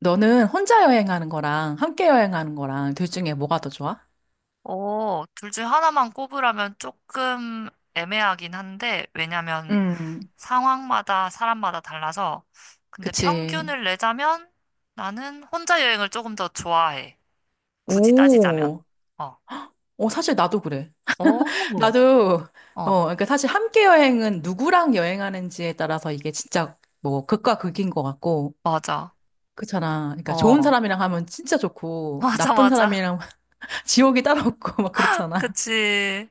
너는 혼자 여행하는 거랑 함께 여행하는 거랑 둘 중에 뭐가 더 좋아? 둘 중 하나만 꼽으라면 조금 애매하긴 한데, 왜냐면 음, 상황마다 사람마다 달라서, 근데 그치. 평균을 내자면 나는 혼자 여행을 조금 더 좋아해. 굳이 따지자면. 오, 어. 어, 사실 나도 그래. 오, 나도, 어, 어, 그러니까 사실 함께 여행은 누구랑 여행하는지에 따라서 이게 진짜 뭐 극과 극인 것 같고, 맞아. 그렇잖아. 그러니까 좋은 어, 사람이랑 하면 진짜 좋고, 맞아, 나쁜 맞아. 사람이랑 지옥이 따로 없고, 막 그렇잖아. 그치.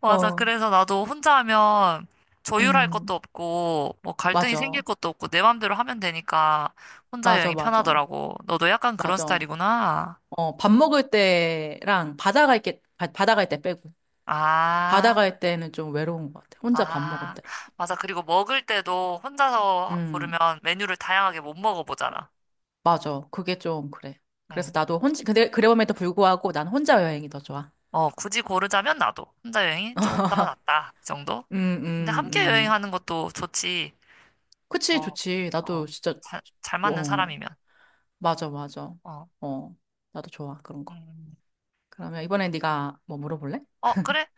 맞아. 어, 그래서 나도 혼자 하면 조율할 것도 음, 없고, 뭐 갈등이 생길 맞아. 것도 없고, 내 맘대로 하면 되니까 혼자 맞아, 여행이 맞아. 편하더라고. 너도 약간 그런 맞아. 스타일이구나. 어, 밥 먹을 때랑 바다 갈 때, 바다 갈 때 빼고. 바다 아, 갈 때는 좀 외로운 것 같아. 혼자 밥 먹을 아, 때랑. 맞아. 그리고 먹을 때도 혼자서 음, 고르면 메뉴를 다양하게 못 먹어보잖아. 맞아. 그게 좀 그래. 그래서 응. 나도 혼자, 근데 그럼에도 불구하고 난 혼자 여행이 더 좋아. 굳이 고르자면 나도 혼자 여행이 좀 더 낫다. 이 정도? 음, 근데 음, 함께 음. 여행하는 것도 좋지. 그치, 어, 좋지. 나도 어, 진짜, 잘 맞는 어, 사람이면. 맞아, 맞아. 어, 어, 나도 좋아, 그런 거. 음. 그러면 이번에 네가 뭐 물어볼래? 어, 그래?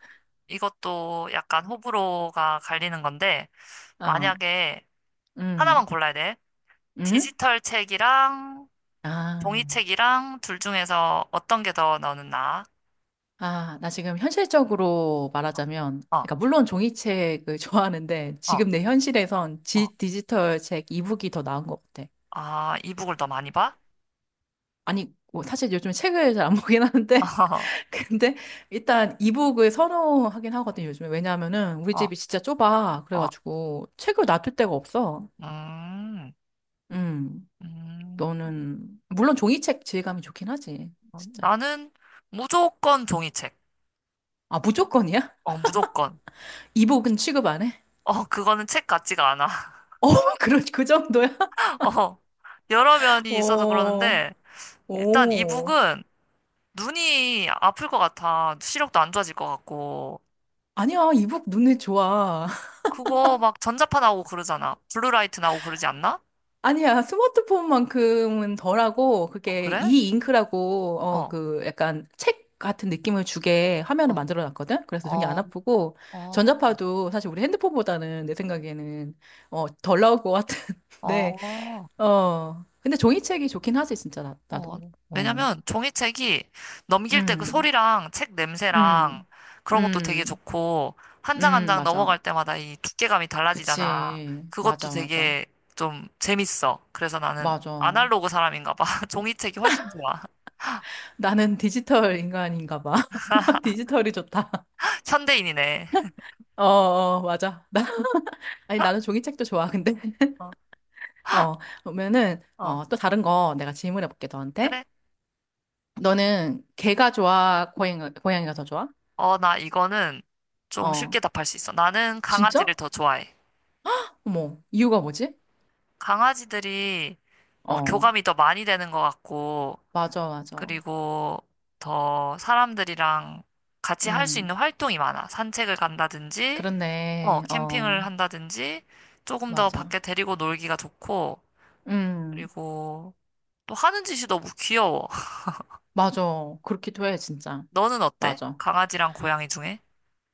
이것도 약간 호불호가 갈리는 건데, 어, 만약에 하나만 음, 골라야 돼. 음? 디지털 책이랑 종이 아, 책이랑 둘 중에서 어떤 게 더 너는 나아? 어. 아, 나 지금 현실적으로 말하자면, 어, 그러니까 물론 종이책을 좋아하는데, 어, 지금 내 현실에선 어. 디지털 책 이북이 더 나은 것 같아. 아, 이북을 더 많이 봐? 아니, 뭐 사실 요즘 책을 잘 안 보긴 하는데, 근데 일단 이북을 선호하긴 하거든요, 요즘에. 왜냐하면은 우리 어, 집이 진짜 좁아. 어. 어. 그래가지고 책을 놔둘 데가 없어. 음, 음, 음. 너는, 물론 종이책 질감이 좋긴 하지, 어, 진짜. 나는 무조건 종이책. 아, 무조건이야? 어, 무조건. 이북은 취급 안 해? 어, 그거는 책 같지가 않아. 어, 그 정도야? 어, 여러 면이 있어서 어, 그러는데, 일단 오. 이북은 눈이 아플 것 같아. 시력도 안 좋아질 것 같고. 아니야, 이북 눈에 좋아. 그거 막 전자파 나오고 그러잖아. 블루라이트 나오고 그러지 않나? 아니야, 스마트폰만큼은 덜하고, 어, 그게 그래? 이 잉크라고, 어, 어, 그, 약간 책 같은 느낌을 주게 화면을 어, 만들어 놨거든? 그래서 눈이 안 어, 아프고, 어, 전자파도 사실 우리 핸드폰보다는 내 생각에는, 어, 덜 나올 것 같은데, 어. 어, 근데 종이책이 좋긴 하지, 진짜, 나, 어, 나도. 어, 왜냐면 종이책이 넘길 때 그 음, 소리랑 책 냄새랑 음, 그런 것도 되게 음, 좋고, 한 장 한 장 맞아. 넘어갈 때마다 이 두께감이 달라지잖아. 그치. 그것도 맞아, 맞아. 되게 좀 재밌어. 그래서 나는 맞아. 아날로그 사람인가 봐. 종이책이 훨씬 좋아. 나는 디지털 인간인가 봐. 디지털이 좋다. 현대인이네. 어, 어, 맞아. 나, 아니, 나는 종이책도 좋아, 근데. 어, 어, 보면은, 어, 어, 또 다른 거 내가 질문해 볼게, 너한테. 그래? 너는 개가 좋아, 고양이가 더 좋아? 나 이거는 좀 어, 쉽게 답할 수 있어. 나는 강아지를 진짜? 더 좋아해. 어머, 이유가 뭐지? 강아지들이 어, 교감이 더 많이 되는 것 같고, 맞아, 맞아. 그리고 더 사람들이랑 같이 할 수 있는 음, 활동이 많아. 산책을 간다든지, 그렇네. 캠핑을 어, 한다든지, 조금 더 맞아. 밖에 데리고 놀기가 좋고, 음, 그리고 또 하는 짓이 너무 귀여워. 맞아. 그렇기도 해, 진짜. 너는 어때? 맞아. 강아지랑 고양이 중에?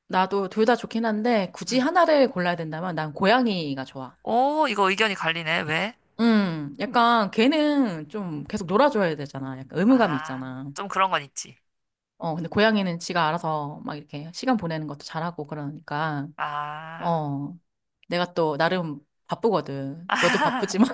나도 둘 다 좋긴 한데, 굳이 응. 하나를 골라야 된다면 난 고양이가 좋아. 오, 이거 의견이 갈리네. 왜? 약간 걔는 좀 계속 놀아줘야 되잖아. 약간 의무감이 아, 있잖아. 좀 그런 건 있지. 어, 근데 고양이는 지가 알아서 막 이렇게 시간 보내는 것도 잘하고 그러니까, 아, 어, 내가 또 나름 바쁘거든. 너도 바쁘지만.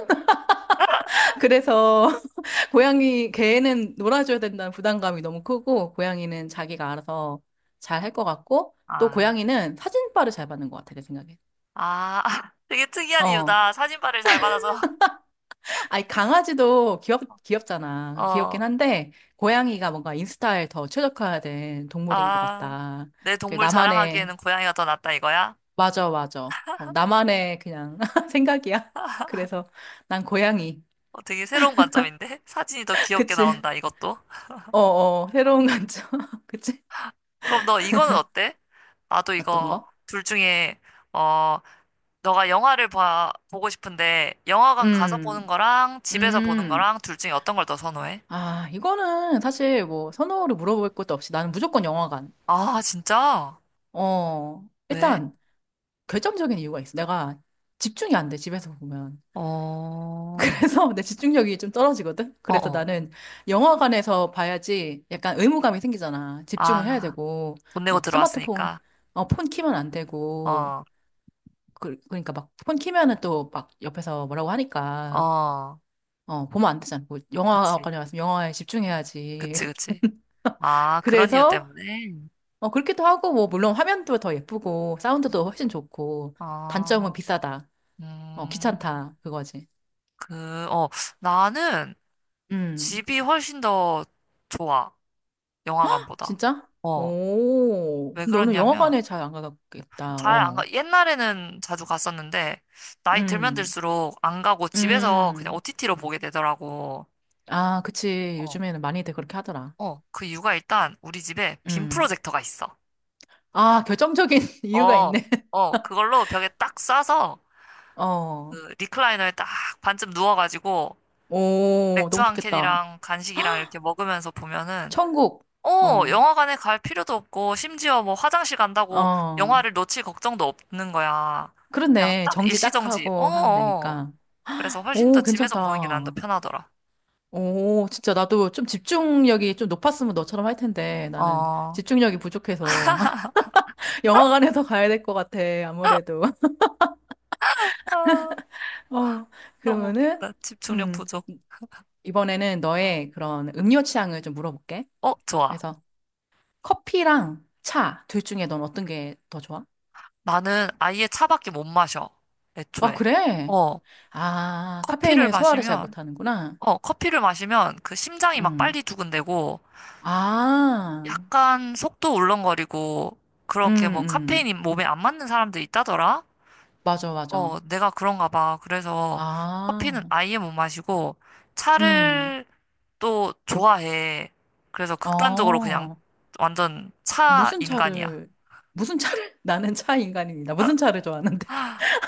그래서 고양이, 걔는 놀아줘야 된다는 부담감이 너무 크고, 고양이는 자기가 알아서 잘 할 것 같고, 또 아, 고양이는 사진빨을 잘 받는 것 같아, 내 생각에. 아, 되게 특이한 어, 이유다. 사진발을 잘 받아서. 아니, 강아지도 귀엽잖아. 귀엽긴 어, 한데, 고양이가 뭔가 인스타에 더 최적화된 동물인 것 아, 같다. 내 그 동물 나만의, 자랑하기에는 고양이가 더 낫다 이거야? 맞아, 맞아. 어, 나만의 그냥 생각이야. 그래서 난 고양이. 어, 되게 새로운 관점인데? 사진이 더 귀엽게 그치? 나온다, 이것도. 어, 어, 새로운 관점. 그치? 그럼 너 이거는 어때? 나도 어떤 이거 거? 둘 중에, 어, 너가 영화를 보고 싶은데, 영화관 가서 보는 음, 거랑 집에서 보는 음. 거랑 둘 중에 어떤 걸 더 선호해? 아, 이거는 사실 뭐 선호를 물어볼 것도 없이 나는 무조건 영화관. 아, 진짜? 어, 왜? 일단, 결정적인 이유가 있어. 내가 집중이 안 돼, 집에서 보면. 어, 그래서 내 집중력이 좀 떨어지거든? 그래서 어어. 나는 영화관에서 봐야지 약간 의무감이 생기잖아. 집중을 해야 아, 되고, 돈 내고 막 스마트폰, 들어왔으니까. 어, 폰 키면 안 되고, 어, 그, 그러니까 막 폰 키면은 또 막 옆에서 뭐라고 하니까, 어. 어, 보면 안 되잖아. 뭐 그치. 영화관에 왔으면 영화에 집중해야지. 그치, 그치. 아, 그런 이유 그래서, 때문에? 어, 그렇기도 하고, 뭐, 물론 화면도 더 예쁘고, 사운드도 훨씬 좋고, 단점은 어, 비싸다. 어, 음, 귀찮다. 그거지. 그, 어, 나는, 음, 집이 훨씬 더 좋아. 영화관보다. 진짜? 어. 오, 왜 너는 그러냐면, 영화관에 잘 안 가겠다. 잘 안 어. 가, 옛날에는 자주 갔었는데, 나이 들면 음, 들수록 안 가고 집에서 그냥 음. OTT로 보게 되더라고. 아, 그치. 어. 요즘에는 많이들 그렇게 하더라. 어. 그 이유가 일단 우리 집에 빔 음. 프로젝터가 있어. 아, 결정적인 이유가 어. 있네. 어. 그걸로 벽에 딱 쏴서, 어. 그 리클라이너에 딱 반쯤 누워가지고, 오, 맥주 너무 한 좋겠다. 캔이랑 간식이랑 이렇게 먹으면서 보면은 천국. 어, 어. 영화관에 갈 필요도 없고, 심지어 뭐 화장실 간다고 어. 영화를 놓칠 걱정도 없는 거야. 그냥 그렇네. 딱 정지 짝 일시정지. 어, 하고 하면 어. 되니까. 그래서 훨씬 더 오, 집에서 보는 게 난 더 괜찮다. 편하더라. 오, 진짜 나도 좀 집중력이 좀 높았으면 너처럼 할 텐데 나는 어, 집중력이 부족해서 영화관에서 가야 될 것 같아. 아무래도. 아, 어, 너무 그러면은, 웃긴다. 집중력 음, 부족. 이번에는 어, 너의 그런 음료 취향을 좀 물어볼게. 어, 좋아. 그래서 커피랑 차, 둘 중에 넌 어떤 게 더 좋아? 나는 아예 차밖에 못 마셔. 아, 애초에. 그래? 어, 아, 커피를 카페인에 소화를 잘 마시면, 못하는구나. 커피를 마시면 그 심장이 막 음. 빨리 두근대고, 아, 약간 속도 울렁거리고, 음, 그렇게 뭐 음. 카페인이 몸에 안 맞는 사람들 있다더라? 맞아, 맞아. 어, 내가 그런가 봐. 그래서 커피는 아, 아예 못 마시고 음. 차를 또 좋아해. 그래서 극단적으로 그냥 어, 완전 차 무슨 인간이야. 차를, 무슨 차를? 나는 차 인간입니다. 무슨 차를 좋아하는데?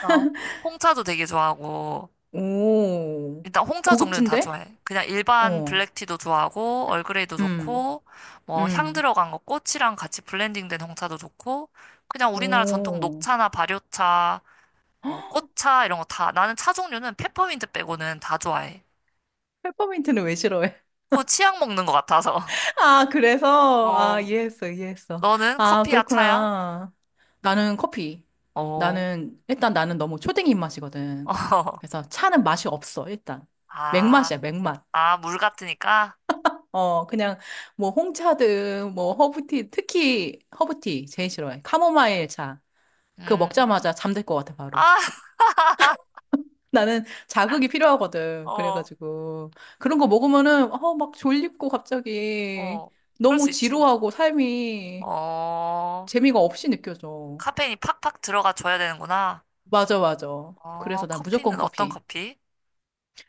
어. 홍차도 되게 좋아하고 오, 일단 홍차 종류는 다 고급진데? 좋아해. 그냥 일반 어, 블랙티도 좋아하고 얼그레이도 음. 좋고 뭐 향 음. 들어간 거 꽃이랑 같이 블렌딩된 홍차도 좋고 그냥 우리나라 전통 오. 녹차나 발효차 뭐 꽃차 이런 거 다 나는 차 종류는 페퍼민트 빼고는 다 좋아해. 페퍼민트는 왜 싫어해? 그거 치약 먹는 것 같아서. 아, 그래서? 아, 어, 이해했어, 이해했어. 너는 아, 커피야, 차야? 그렇구나. 나는 커피. 어, 나는, 일단 나는 너무 초딩 입맛이거든. 어, 그래서 차는 맛이 없어, 일단. 맥맛이야, 아, 맥맛. 아, 물 같으니까? 어, 그냥 뭐 홍차든 뭐 허브티, 특히 허브티 제일 싫어해. 카모마일 차. 그거 음, 먹자마자 잠들 것 같아, 바로. 아, 나는 자극이 필요하거든. 어, 그래가지고. 그런 거 먹으면은, 어, 막 졸립고 갑자기 어, 그럴 너무 수 있지. 지루하고 삶이 어, 재미가 없이 느껴져. 카페인이 팍팍 들어가 줘야 되는구나. 맞아, 맞아. 어, 그래서 난 무조건 커피는 어떤 커피. 커피?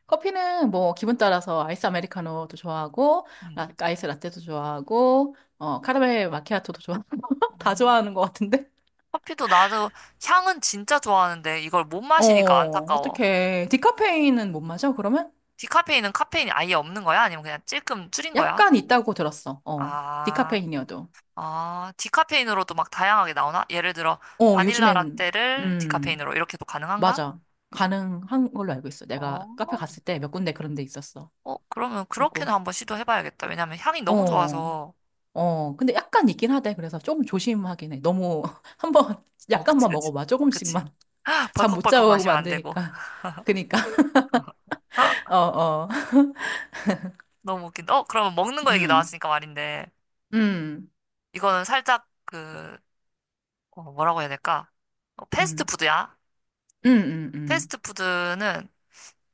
커피는 뭐 기분 따라서 아이스 아메리카노도 좋아하고, 음, 아이스 라떼도 좋아하고, 어, 카라멜 마키아토도 좋아 다 음. 좋아하는 것 같은데? 커피도 나도 향은 진짜 좋아하는데 이걸 못 마시니까 어, 안타까워. 어떡해. 디카페인은 못 마셔, 그러면? 디카페인은 카페인이 아예 없는 거야? 아니면 그냥 찔끔 줄인 거야? 약간 있다고 들었어. 어, 아. 디카페인이어도. 아, 디카페인으로도 막 다양하게 나오나? 예를 들어, 어, 바닐라 요즘엔, 라떼를 음. 디카페인으로 이렇게도 가능한가? 맞아. 가능한 걸로 알고 있어. 어, 내가 카페 갔을 때 몇 군데 그런 데 있었어. 어, 그러면 그렇게는 그리고, 한번 시도해봐야겠다. 왜냐면 향이 너무 어, 좋아서. 어. 근데 약간 있긴 하대. 그래서 조금 조심하긴 해. 너무, 한 번, 어, 그치, 약간만 그치. 먹어봐. 그치. 조금씩만. 잠 못 벌컥벌컥 자고 하고 마시면 안 되고. 만드니까. 그니까, 어, 어. 너무 웃긴다. 어, 그러면 먹는 거 얘기 음, 나왔으니까 말인데, 음, 이거는 살짝 그, 어, 뭐라고 해야 될까? 어, 음, 패스트푸드야. 음, 음, 음. 패스트푸드는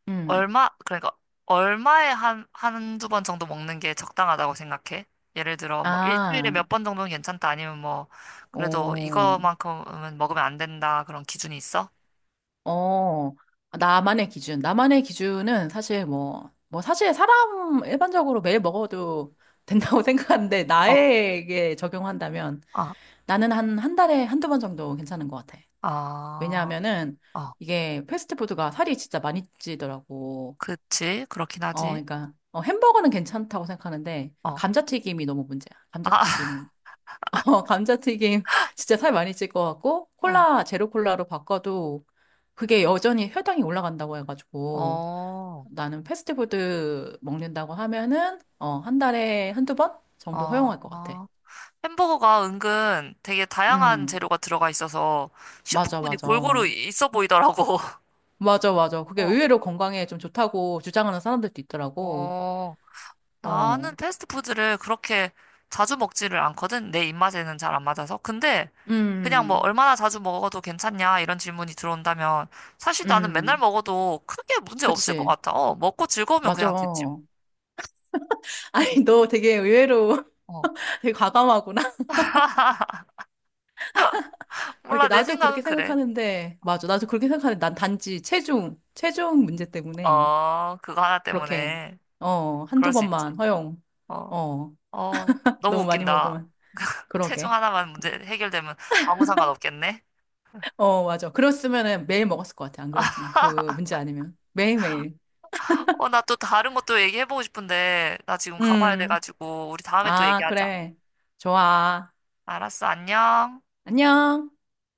음. 그러니까 얼마에 한두 번 정도 먹는 게 적당하다고 생각해? 예를 들어 뭐 일주일에 아, 몇 번 정도는 괜찮다 아니면 뭐 그래도 오. 이거만큼은 먹으면 안 된다 그런 기준이 있어? 어, 나만의 기준. 나만의 기준은 사실 뭐, 사실 사람 일반적으로 매일 먹어도 된다고 생각하는데, 어, 나에게 적용한다면 아, 나는 한, 한 달에 한두 번 정도 괜찮은 것 같아. 아, 왜냐하면은 어, 이게 패스트푸드가 살이 진짜 많이 찌더라고. 그치, 그렇긴 어, 하지. 그러니까, 어, 햄버거는 괜찮다고 생각하는데, 어, 감자튀김이 너무 문제야. 아, 감자튀김. 어, 감자튀김 진짜 살 많이 찔 것 같고, 어, 콜라, 제로 콜라로 바꿔도 그게 여전히 혈당이 올라간다고 해가지고, 어, 나는 패스트푸드 먹는다고 하면은, 어, 한 달에 한두 번 정도 어, 허용할 것 같아. 어. 햄버거가 은근 되게 다양한 음, 재료가 들어가 있어서 맞아, 식품군이 맞아. 골고루 있어 보이더라고. 맞아, 맞아. 그게 어, 의외로 건강에 좀 좋다고 주장하는 사람들도 있더라고. 어. 나는 어, 패스트푸드를 그렇게 자주 먹지를 않거든. 내 입맛에는 잘 안 맞아서. 근데 그냥 뭐 음, 얼마나 자주 먹어도 괜찮냐 이런 질문이 들어온다면 사실 나는 맨날 음, 먹어도 크게 문제 없을 것 그치. 같아. 어, 먹고 즐거우면 맞아. 그냥 됐지 뭐. 아니, 너 되게 의외로 어. 되게 과감하구나. 어, 이게 몰라, 내 나도 생각은 그렇게 그래. 생각하는데, 맞아. 나도 그렇게 생각하는데, 난 단지 체중 문제 때문에 어, 그거 하나 그렇게, 때문에 어, 한두 그럴 수 있지. 번만 허용. 어, 어, 어, 너무 너무 많이 웃긴다. 먹으면. 체중 그러게. 하나만 문제 해결되면 아무 상관 없겠네. 어, 맞아. 그랬으면은 매일 먹었을 것 같아. 안 그랬으면. 그 문제 아니면. 매일매일. 어, 나 또 다른 것도 얘기해보고 싶은데, 나 지금 가봐야 음. 돼가지고, 우리 다음에 또 아, 얘기하자. 그래. 좋아. 알았어, 안녕. 안녕.